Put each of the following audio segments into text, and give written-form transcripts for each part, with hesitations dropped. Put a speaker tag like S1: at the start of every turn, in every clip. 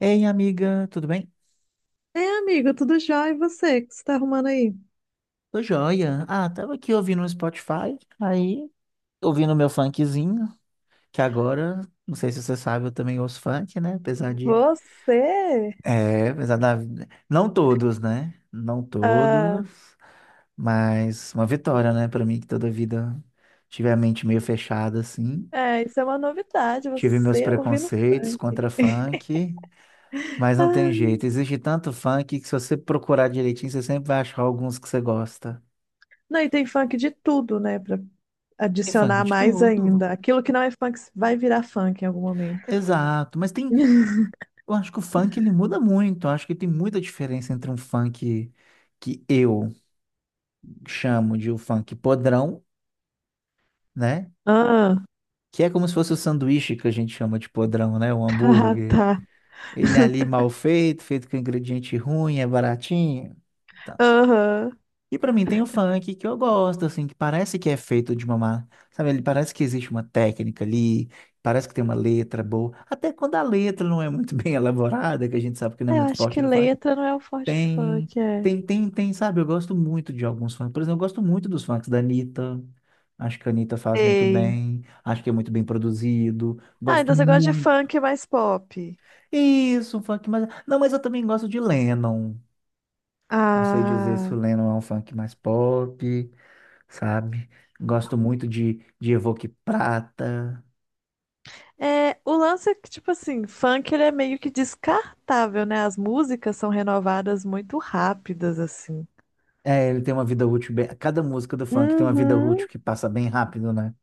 S1: Ei, amiga, tudo bem?
S2: É, amigo, tudo jóia? E você? O que você tá arrumando aí?
S1: Tô joia. Ah, tava aqui ouvindo no Spotify, aí ouvindo meu funkzinho, que agora, não sei se você sabe, eu também ouço funk, né? Apesar de.
S2: Você?
S1: É, apesar da. Não todos, né? Não
S2: Ah,
S1: todos, mas uma vitória, né? Pra mim, que toda vida tive a mente meio fechada, assim.
S2: é, isso é uma novidade,
S1: Tive meus
S2: você ouvindo
S1: preconceitos
S2: funk.
S1: contra funk, mas não tem
S2: Ah,
S1: jeito. Existe tanto funk que se você procurar direitinho, você sempre vai achar alguns que você gosta.
S2: não, e tem funk de tudo, né? Pra
S1: Tem funk
S2: adicionar
S1: de
S2: mais
S1: tudo.
S2: ainda. Aquilo que não é funk vai virar funk em algum momento.
S1: Exato, mas tem, eu acho que o funk ele muda muito, eu acho que tem muita diferença entre um funk que eu chamo de o funk podrão, né?
S2: Ah,
S1: Que é como se fosse o sanduíche que a gente chama de podrão, né? O
S2: ah,
S1: hambúrguer.
S2: tá.
S1: Ele é ali mal feito, feito com ingrediente ruim, é baratinho. Tá.
S2: Aham.
S1: E pra mim tem o funk que eu gosto, assim, que parece que é feito de uma, sabe, ele parece que existe uma técnica ali, parece que tem uma letra boa, até quando a letra não é muito bem elaborada, que a gente sabe que não é
S2: É, eu
S1: muito
S2: acho
S1: forte
S2: que
S1: no funk.
S2: letra não é o forte do
S1: Tem,
S2: funk, é.
S1: tem, sabe? Eu gosto muito de alguns funks. Por exemplo, eu gosto muito dos funks da Anitta. Acho que a Anitta faz muito
S2: Ei.
S1: bem. Acho que é muito bem produzido.
S2: Ah,
S1: Gosto
S2: então você gosta de
S1: muito.
S2: funk mais pop.
S1: Isso, um funk mais. Não, mas eu também gosto de Lennon. Não sei dizer se
S2: Ah.
S1: o Lennon é um funk mais pop, sabe? Gosto muito de Evoque Prata.
S2: É, o lance é que, tipo assim, funk ele é meio que descartável, né? As músicas são renovadas muito rápidas, assim.
S1: É, ele tem uma vida útil bem. Cada música do funk tem uma vida útil
S2: Uhum.
S1: que passa bem rápido, né?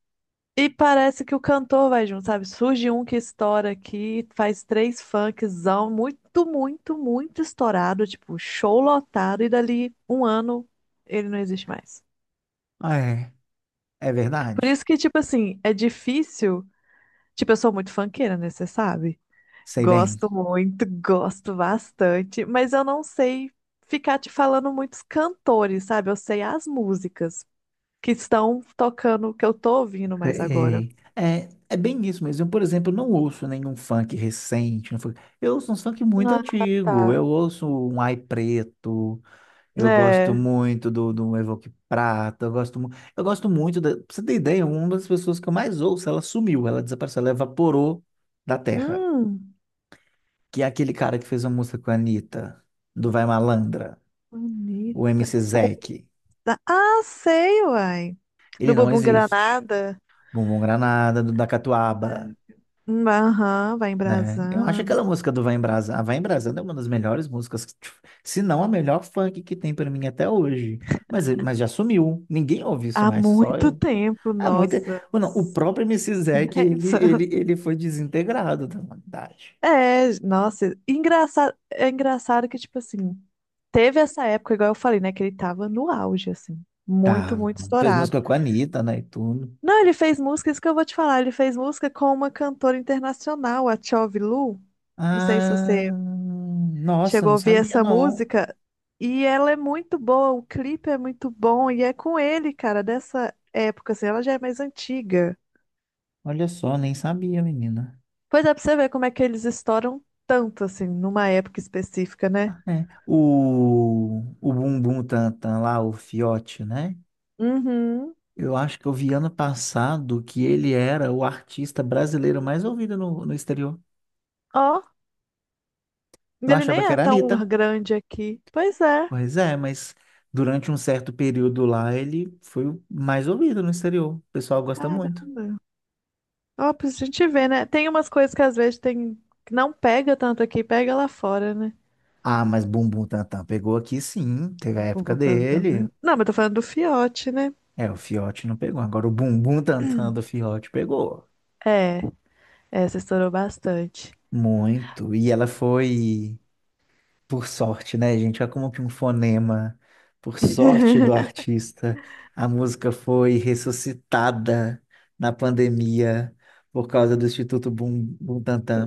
S2: E parece que o cantor vai junto, sabe? Surge um que estoura aqui, faz três funkzão, muito estourado, tipo, show lotado, e dali um ano ele não existe mais.
S1: Ah, é, é
S2: Por isso
S1: verdade.
S2: que, tipo assim, é difícil. Tipo, eu sou muito funkeira, né? Você sabe?
S1: Sei bem.
S2: Gosto muito, gosto bastante, mas eu não sei ficar te falando muitos cantores, sabe? Eu sei as músicas que estão tocando, que eu tô ouvindo mais agora.
S1: Sei. É, é bem isso mesmo. Eu, por exemplo, não ouço nenhum funk recente. Não funk- Eu ouço uns funk muito
S2: Ah,
S1: antigo.
S2: tá.
S1: Eu ouço um Ai Preto. Eu gosto
S2: É.
S1: muito do Evoque Prata. Eu gosto, eu gosto muito. Pra você ter ideia, uma das pessoas que eu mais ouço, ela sumiu, ela desapareceu, ela evaporou da terra.
S2: Hum,
S1: Que é aquele cara que fez uma música com a Anitta, do Vai Malandra, o
S2: bonita.
S1: MC Zeke.
S2: Tá. Ah, sei, uai. Do
S1: Ele não
S2: Bumbum
S1: existe.
S2: Granada.
S1: Bumbum Granada, do da
S2: Ah,
S1: Catuaba,
S2: hum, aham, vai
S1: né? Eu acho
S2: embrasando.
S1: aquela música do Vai Embrasar, Vai Embrasando é uma das melhores músicas, que, tipo, se não a melhor funk que tem pra mim até hoje. Mas já sumiu. Ninguém ouve isso
S2: Há
S1: mais, só
S2: muito
S1: eu.
S2: tempo,
S1: Ah, muita...
S2: nossa.
S1: Não, o
S2: Uns
S1: próprio MC Zec, ele,
S2: 10
S1: ele,
S2: anos.
S1: ele foi desintegrado da humanidade.
S2: É, nossa, engraçado, é engraçado que, tipo assim, teve essa época, igual eu falei, né, que ele tava no auge, assim, muito,
S1: Tá,
S2: muito
S1: fez
S2: estourado.
S1: música com a Anitta, né, e tudo.
S2: Não, ele fez música, isso que eu vou te falar, ele fez música com uma cantora internacional, a Tchove Lu, não sei se você
S1: Ah, nossa,
S2: chegou a
S1: não
S2: ouvir
S1: sabia
S2: essa
S1: não.
S2: música, e ela é muito boa, o clipe é muito bom, e é com ele, cara, dessa época, assim, ela já é mais antiga.
S1: Olha só, nem sabia, menina.
S2: Pois é, pra você ver como é que eles estouram tanto, assim, numa época específica, né?
S1: Ah, é. O Bumbum Tantan lá, o Fiote, né?
S2: Uhum.
S1: Eu acho que eu vi ano passado que ele era o artista brasileiro mais ouvido no exterior.
S2: Ó.
S1: Eu
S2: Ele
S1: achava
S2: nem
S1: que
S2: é
S1: era a
S2: tão
S1: Anitta.
S2: grande aqui. Pois é.
S1: Pois é, mas durante um certo período lá ele foi o mais ouvido no exterior. O pessoal gosta
S2: Caramba.
S1: muito.
S2: Ó, pra gente ver, né? Tem umas coisas que às vezes tem que não pega tanto aqui, pega lá fora, né?
S1: Ah, mas Bumbum Tantan pegou aqui sim, teve a época dele.
S2: Não, mas tô falando do fiote, né?
S1: É, o Fiote não pegou. Agora o Bumbum Tantan do Fiote pegou.
S2: É, essa estourou bastante.
S1: Muito. E ela foi. Por sorte, né, gente? Olha como que um fonema, por sorte do artista, a música foi ressuscitada na pandemia por causa do Instituto Bum Butantan.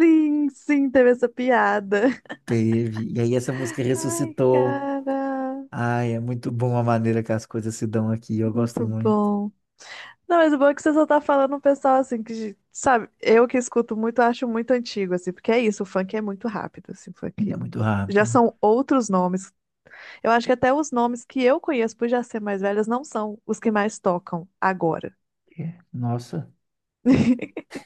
S2: Sim, sim, teve essa piada.
S1: Teve. E aí essa música
S2: Ai,
S1: ressuscitou.
S2: cara,
S1: Ai, é muito bom a maneira que as coisas se dão aqui. Eu gosto
S2: muito
S1: muito.
S2: bom. Não, mas o bom é que você só tá falando um pessoal assim que, sabe, eu que escuto muito, acho muito antigo, assim, porque é isso, o funk é muito rápido, assim, o
S1: Ele é
S2: funk.
S1: muito
S2: Já
S1: rápido.
S2: são outros nomes. Eu acho que até os nomes que eu conheço por já ser mais velhas não são os que mais tocam agora.
S1: É, nossa.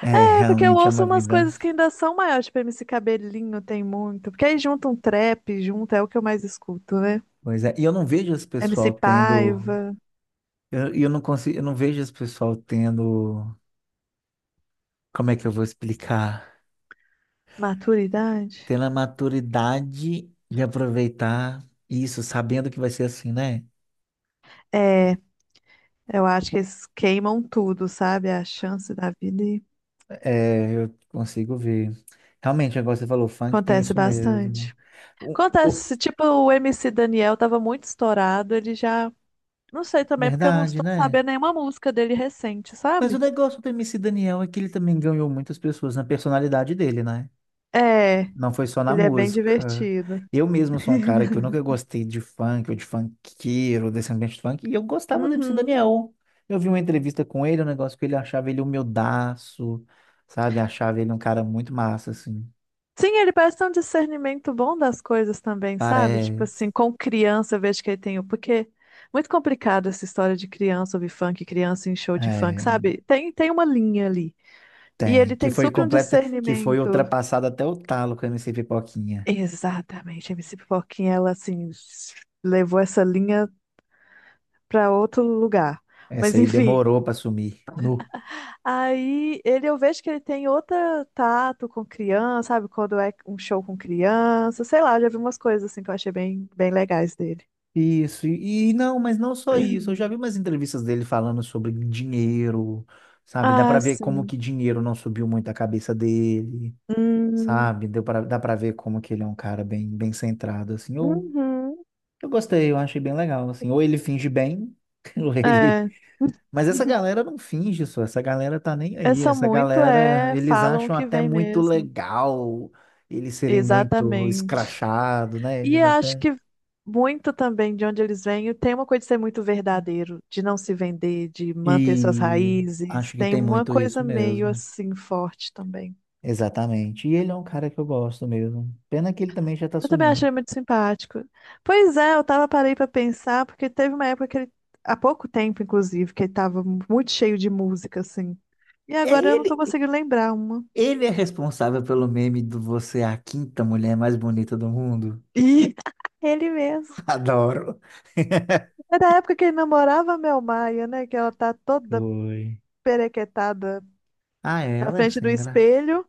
S1: É,
S2: É, porque eu
S1: realmente é
S2: ouço
S1: uma
S2: umas
S1: vida.
S2: coisas que ainda são maiores, tipo MC Cabelinho tem muito. Porque aí junta um trap, junta, é o que eu mais escuto, né?
S1: Pois é. E eu não vejo esse
S2: MC
S1: pessoal tendo.
S2: Paiva,
S1: Eu não consigo, eu não vejo esse pessoal tendo. Como é que eu vou explicar?
S2: maturidade.
S1: Tendo a maturidade de aproveitar isso, sabendo que vai ser assim, né?
S2: É, eu acho que eles queimam tudo, sabe? A chance da vida e
S1: É, eu consigo ver. Realmente, agora você falou, funk tem
S2: acontece
S1: isso mesmo.
S2: bastante.
S1: O- o-
S2: Acontece, tipo, o MC Daniel tava muito estourado, ele já. Não sei também, porque eu não
S1: Verdade,
S2: estou
S1: né?
S2: sabendo nenhuma música dele recente,
S1: Mas o
S2: sabe?
S1: negócio do MC Daniel é que ele também ganhou muitas pessoas na personalidade dele, né?
S2: É,
S1: Não foi só na
S2: ele é bem
S1: música.
S2: divertido.
S1: Eu mesmo sou um cara que eu nunca gostei de funk ou de funkeiro, desse ambiente de funk, e eu gostava do MC
S2: Uhum.
S1: Daniel. Eu vi uma entrevista com ele, um negócio que ele achava ele humildaço, sabe? Achava ele um cara muito massa, assim.
S2: Sim, ele parece ter um discernimento bom das coisas também, sabe? Tipo
S1: Parece.
S2: assim, com criança eu vejo que ele tem o. Porque muito complicado essa história de criança ouvir funk, criança em show de funk,
S1: É,
S2: sabe? Tem uma linha ali. E
S1: tem.
S2: ele
S1: Que
S2: tem
S1: foi
S2: super um
S1: completa, que foi
S2: discernimento.
S1: ultrapassado até o talo com o MC Pipoquinha.
S2: Exatamente, a MC Pipoquinha, ela assim, levou essa linha pra outro lugar.
S1: Essa
S2: Mas
S1: aí
S2: enfim.
S1: demorou pra sumir. Nu.
S2: Aí ele, eu vejo que ele tem outro tato com criança, sabe? Quando é um show com criança, sei lá, já vi umas coisas assim que eu achei bem, bem legais dele.
S1: Isso, e não, mas não só isso. Eu já vi umas entrevistas dele falando sobre dinheiro, sabe? Dá
S2: Ah,
S1: para ver como
S2: sim.
S1: que dinheiro não subiu muito a cabeça dele,
S2: Hum,
S1: sabe? Dá para ver como que ele é um cara bem, bem centrado, assim. Eu,
S2: uhum.
S1: eu gostei, eu achei bem legal, assim. Ou ele finge bem, ou ele.
S2: É.
S1: Mas essa galera não finge só, essa galera tá nem
S2: É,
S1: aí.
S2: são
S1: Essa
S2: muito,
S1: galera,
S2: é,
S1: eles
S2: falam o
S1: acham
S2: que
S1: até
S2: vem
S1: muito
S2: mesmo.
S1: legal eles serem muito
S2: Exatamente.
S1: escrachados, né?
S2: E
S1: Eles
S2: acho
S1: até.
S2: que muito também de onde eles vêm, tem uma coisa de ser muito verdadeiro, de não se vender, de manter suas
S1: E
S2: raízes.
S1: acho que
S2: Tem
S1: tem
S2: uma
S1: muito isso
S2: coisa meio
S1: mesmo.
S2: assim forte também.
S1: Exatamente. E ele é um cara que eu gosto mesmo. Pena que ele também já tá
S2: Eu também
S1: sumindo.
S2: achei muito simpático. Pois é, eu tava parei pra pensar, porque teve uma época que ele, há pouco tempo, inclusive, que ele tava muito cheio de música, assim. E
S1: É
S2: agora eu não tô
S1: ele,
S2: conseguindo lembrar uma.
S1: ele é responsável pelo meme do você é a quinta mulher mais bonita do mundo.
S2: E ele mesmo.
S1: Adoro.
S2: É da época que ele namorava a Mel Maia, né? Que ela tá toda
S1: Foi.
S2: perequetada
S1: Ah,
S2: na
S1: ela é
S2: frente do
S1: sem graça.
S2: espelho.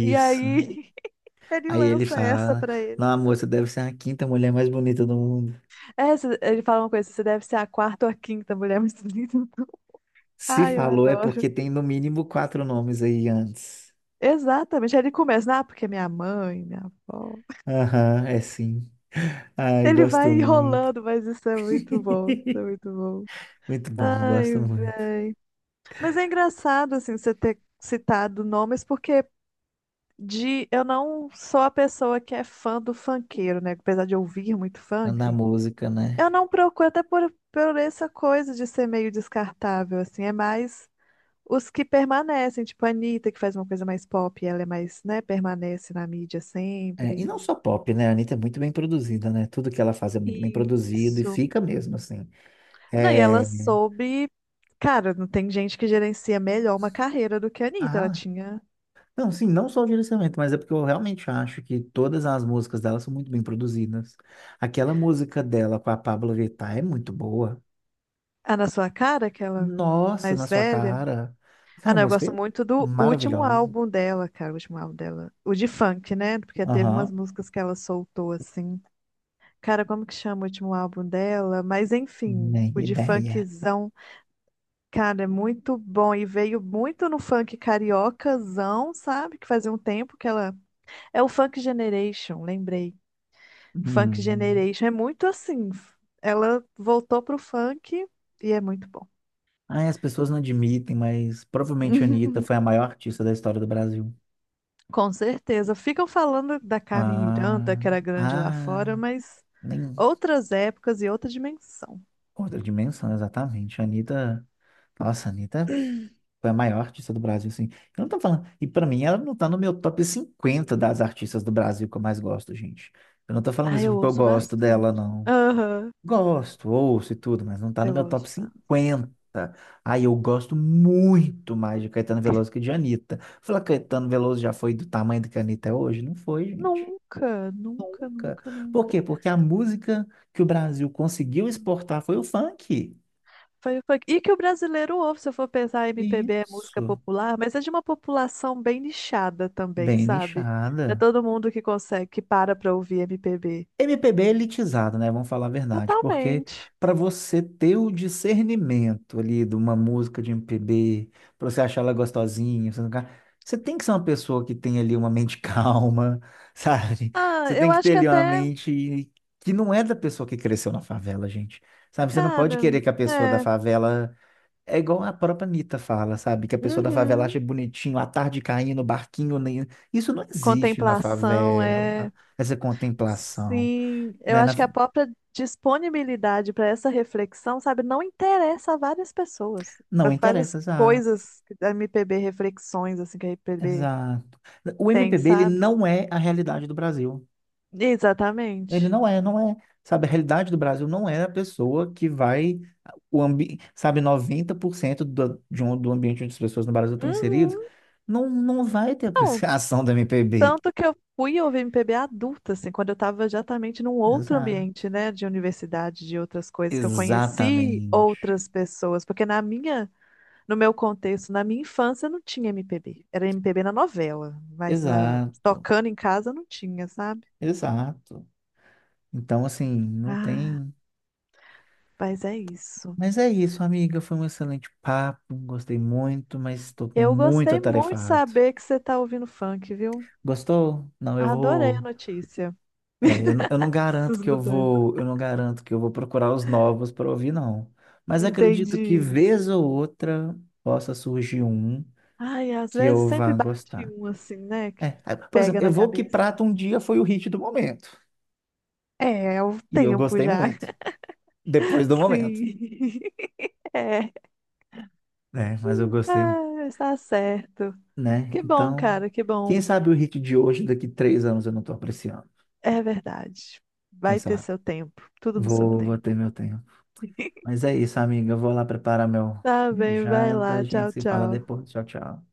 S2: E aí ele
S1: Aí ele
S2: lança essa
S1: fala:
S2: pra ele.
S1: Não, amor, você deve ser a quinta mulher mais bonita do mundo.
S2: Essa, ele fala uma coisa, você deve ser a quarta ou a quinta mulher mais bonita. Do
S1: Se
S2: ai, eu
S1: falou é
S2: adoro.
S1: porque tem no mínimo quatro nomes aí antes.
S2: Exatamente. Aí ele começa, ah, porque é minha mãe, minha avó.
S1: Aham, é sim. Ai,
S2: Ele
S1: gosto
S2: vai
S1: muito.
S2: enrolando, mas isso é muito bom, isso é muito bom.
S1: Muito bom,
S2: Ai,
S1: gosto muito.
S2: véi. Mas é engraçado, assim, você ter citado nomes, porque de eu não sou a pessoa que é fã do funkeiro, né? Apesar de ouvir muito
S1: Na
S2: funk,
S1: música,
S2: eu
S1: né?
S2: não procuro, até por essa coisa de ser meio descartável, assim, é mais os que permanecem, tipo a Anitta, que faz uma coisa mais pop, ela é mais, né, permanece na mídia
S1: É, e
S2: sempre.
S1: não só pop, né? A Anitta é muito bem produzida, né? Tudo que ela faz é muito bem produzido e
S2: Isso.
S1: fica mesmo, assim.
S2: Não, e ela
S1: É...
S2: soube. Cara, não tem gente que gerencia melhor uma carreira do que a Anitta. Ela
S1: Ah,
S2: tinha
S1: não, sim, não só o direcionamento, mas é porque eu realmente acho que todas as músicas dela são muito bem produzidas. Aquela música dela com a Pabllo Vittar é muito boa.
S2: a Na Sua Cara, aquela
S1: Nossa, na
S2: mais
S1: sua
S2: velha.
S1: cara.
S2: Ah,
S1: Aquela
S2: não, eu
S1: música
S2: gosto
S1: é
S2: muito do último
S1: maravilhosa.
S2: álbum dela, cara. O último álbum dela. O de funk, né? Porque teve umas
S1: Aham,
S2: músicas que ela soltou, assim. Cara, como que chama o último álbum dela? Mas enfim,
S1: nem
S2: o de
S1: ideia.
S2: funkzão, cara, é muito bom. E veio muito no funk cariocazão, sabe? Que fazia um tempo que ela. É o Funk Generation, lembrei. Funk
S1: Hum.
S2: Generation é muito assim. Ela voltou pro funk e é muito bom.
S1: Ai, as pessoas não admitem, mas provavelmente a Anitta foi a maior artista da história do Brasil.
S2: Com certeza. Ficam falando da Carmen Miranda,
S1: Ah,
S2: que era grande lá fora,
S1: ah,
S2: mas
S1: nem
S2: outras épocas e outra dimensão.
S1: outra dimensão, exatamente. A Anitta, nossa, a Anitta foi a maior artista do Brasil, assim. Eu não tô falando, e pra mim ela não tá no meu top 50 das artistas do Brasil que eu mais gosto, gente. Eu não tô falando
S2: Ah,
S1: isso
S2: eu
S1: porque eu
S2: ouço
S1: gosto dela,
S2: bastante.
S1: não.
S2: Aham,
S1: Gosto, ouço e tudo, mas não tá no
S2: eu
S1: meu
S2: ouço
S1: top
S2: bastante.
S1: 50. Aí eu gosto muito mais de Caetano Veloso que de Anitta. Falar que Caetano Veloso já foi do tamanho do que a Anitta é hoje? Não foi, gente.
S2: Nunca, nunca,
S1: Nunca.
S2: nunca,
S1: Por
S2: nunca.
S1: quê? Porque a música que o Brasil conseguiu exportar foi o funk.
S2: Foi, foi... E que o brasileiro ouve, se eu for pensar, MPB é música
S1: Isso.
S2: popular, mas é de uma população bem nichada também,
S1: Bem
S2: sabe? Não é
S1: nichada.
S2: todo mundo que consegue, que para pra ouvir MPB.
S1: MPB é elitizado, né? Vamos falar a verdade, porque
S2: Totalmente.
S1: para você ter o discernimento ali de uma música de MPB, para você achar ela gostosinha, você, não ca- você tem que ser uma pessoa que tem ali uma mente calma, sabe?
S2: Ah,
S1: Você tem
S2: eu
S1: que
S2: acho
S1: ter
S2: que
S1: ali uma
S2: até,
S1: mente que não é da pessoa que cresceu na favela, gente. Sabe? Você não pode
S2: cara,
S1: querer que a pessoa da
S2: é.
S1: favela. É igual a própria Anitta fala, sabe? Que a pessoa da favela
S2: Uhum.
S1: acha bonitinho a tarde caindo, o barquinho. Isso não existe na
S2: Contemplação
S1: favela,
S2: é.
S1: essa contemplação,
S2: Sim, eu
S1: né?
S2: acho que a própria disponibilidade para essa reflexão, sabe, não interessa a várias pessoas, a
S1: Não
S2: várias
S1: interessa, exato,
S2: coisas que a MPB, reflexões assim que a MPB
S1: exato. O
S2: tem,
S1: MPB, ele
S2: sabe?
S1: não é a realidade do Brasil. Ele
S2: Exatamente.
S1: não é, não é. Sabe, a realidade do Brasil não é a pessoa que vai, sabe, 90% do ambiente onde as pessoas no Brasil estão inseridas,
S2: Uhum.
S1: não vai ter
S2: Não,
S1: apreciação do MPB.
S2: tanto que eu fui ouvir MPB adulta, assim, quando eu estava exatamente num outro
S1: Exato.
S2: ambiente, né, de universidade, de outras coisas, que eu conheci
S1: Exatamente.
S2: outras pessoas, porque na minha, no meu contexto, na minha infância não tinha MPB. Era MPB na novela, mas na,
S1: Exato.
S2: tocando em casa não tinha, sabe?
S1: Exato. Então, assim, não
S2: Ah,
S1: tem.
S2: mas é isso.
S1: Mas é isso, amiga. Foi um excelente papo. Gostei muito, mas estou
S2: Eu
S1: muito
S2: gostei muito de
S1: atarefado.
S2: saber que você tá ouvindo funk, viu?
S1: Gostou? Não, eu
S2: Adorei a
S1: vou.
S2: notícia.
S1: É, eu não, garanto
S2: Essas
S1: que eu
S2: mudanças.
S1: vou. Eu não garanto que eu vou procurar os novos para ouvir, não. Mas acredito que
S2: Entendi.
S1: vez ou outra possa surgir um
S2: Ai, às
S1: que
S2: vezes
S1: eu
S2: sempre
S1: vá
S2: bate
S1: gostar.
S2: um assim, né? Que
S1: É, ah, por
S2: pega
S1: exemplo,
S2: na
S1: Evoque que
S2: cabeça.
S1: Prata um dia foi o hit do momento.
S2: É, é o
S1: E eu
S2: tempo
S1: gostei
S2: já.
S1: muito. Depois do momento.
S2: Sim. É.
S1: Né? Mas eu gostei, muito,
S2: Ah, está certo.
S1: né?
S2: Que bom,
S1: Então,
S2: cara, que
S1: quem
S2: bom.
S1: sabe o hit de hoje, daqui 3 anos, eu não estou apreciando.
S2: É verdade.
S1: Quem
S2: Vai ter
S1: sabe?
S2: seu tempo. Tudo no seu
S1: Vou
S2: tempo.
S1: ter meu tempo. Mas é isso, amiga. Eu vou lá preparar
S2: Tá
S1: minha
S2: bem, vai
S1: janta.
S2: lá.
S1: A gente
S2: Tchau,
S1: se fala
S2: tchau.
S1: depois. Tchau, tchau.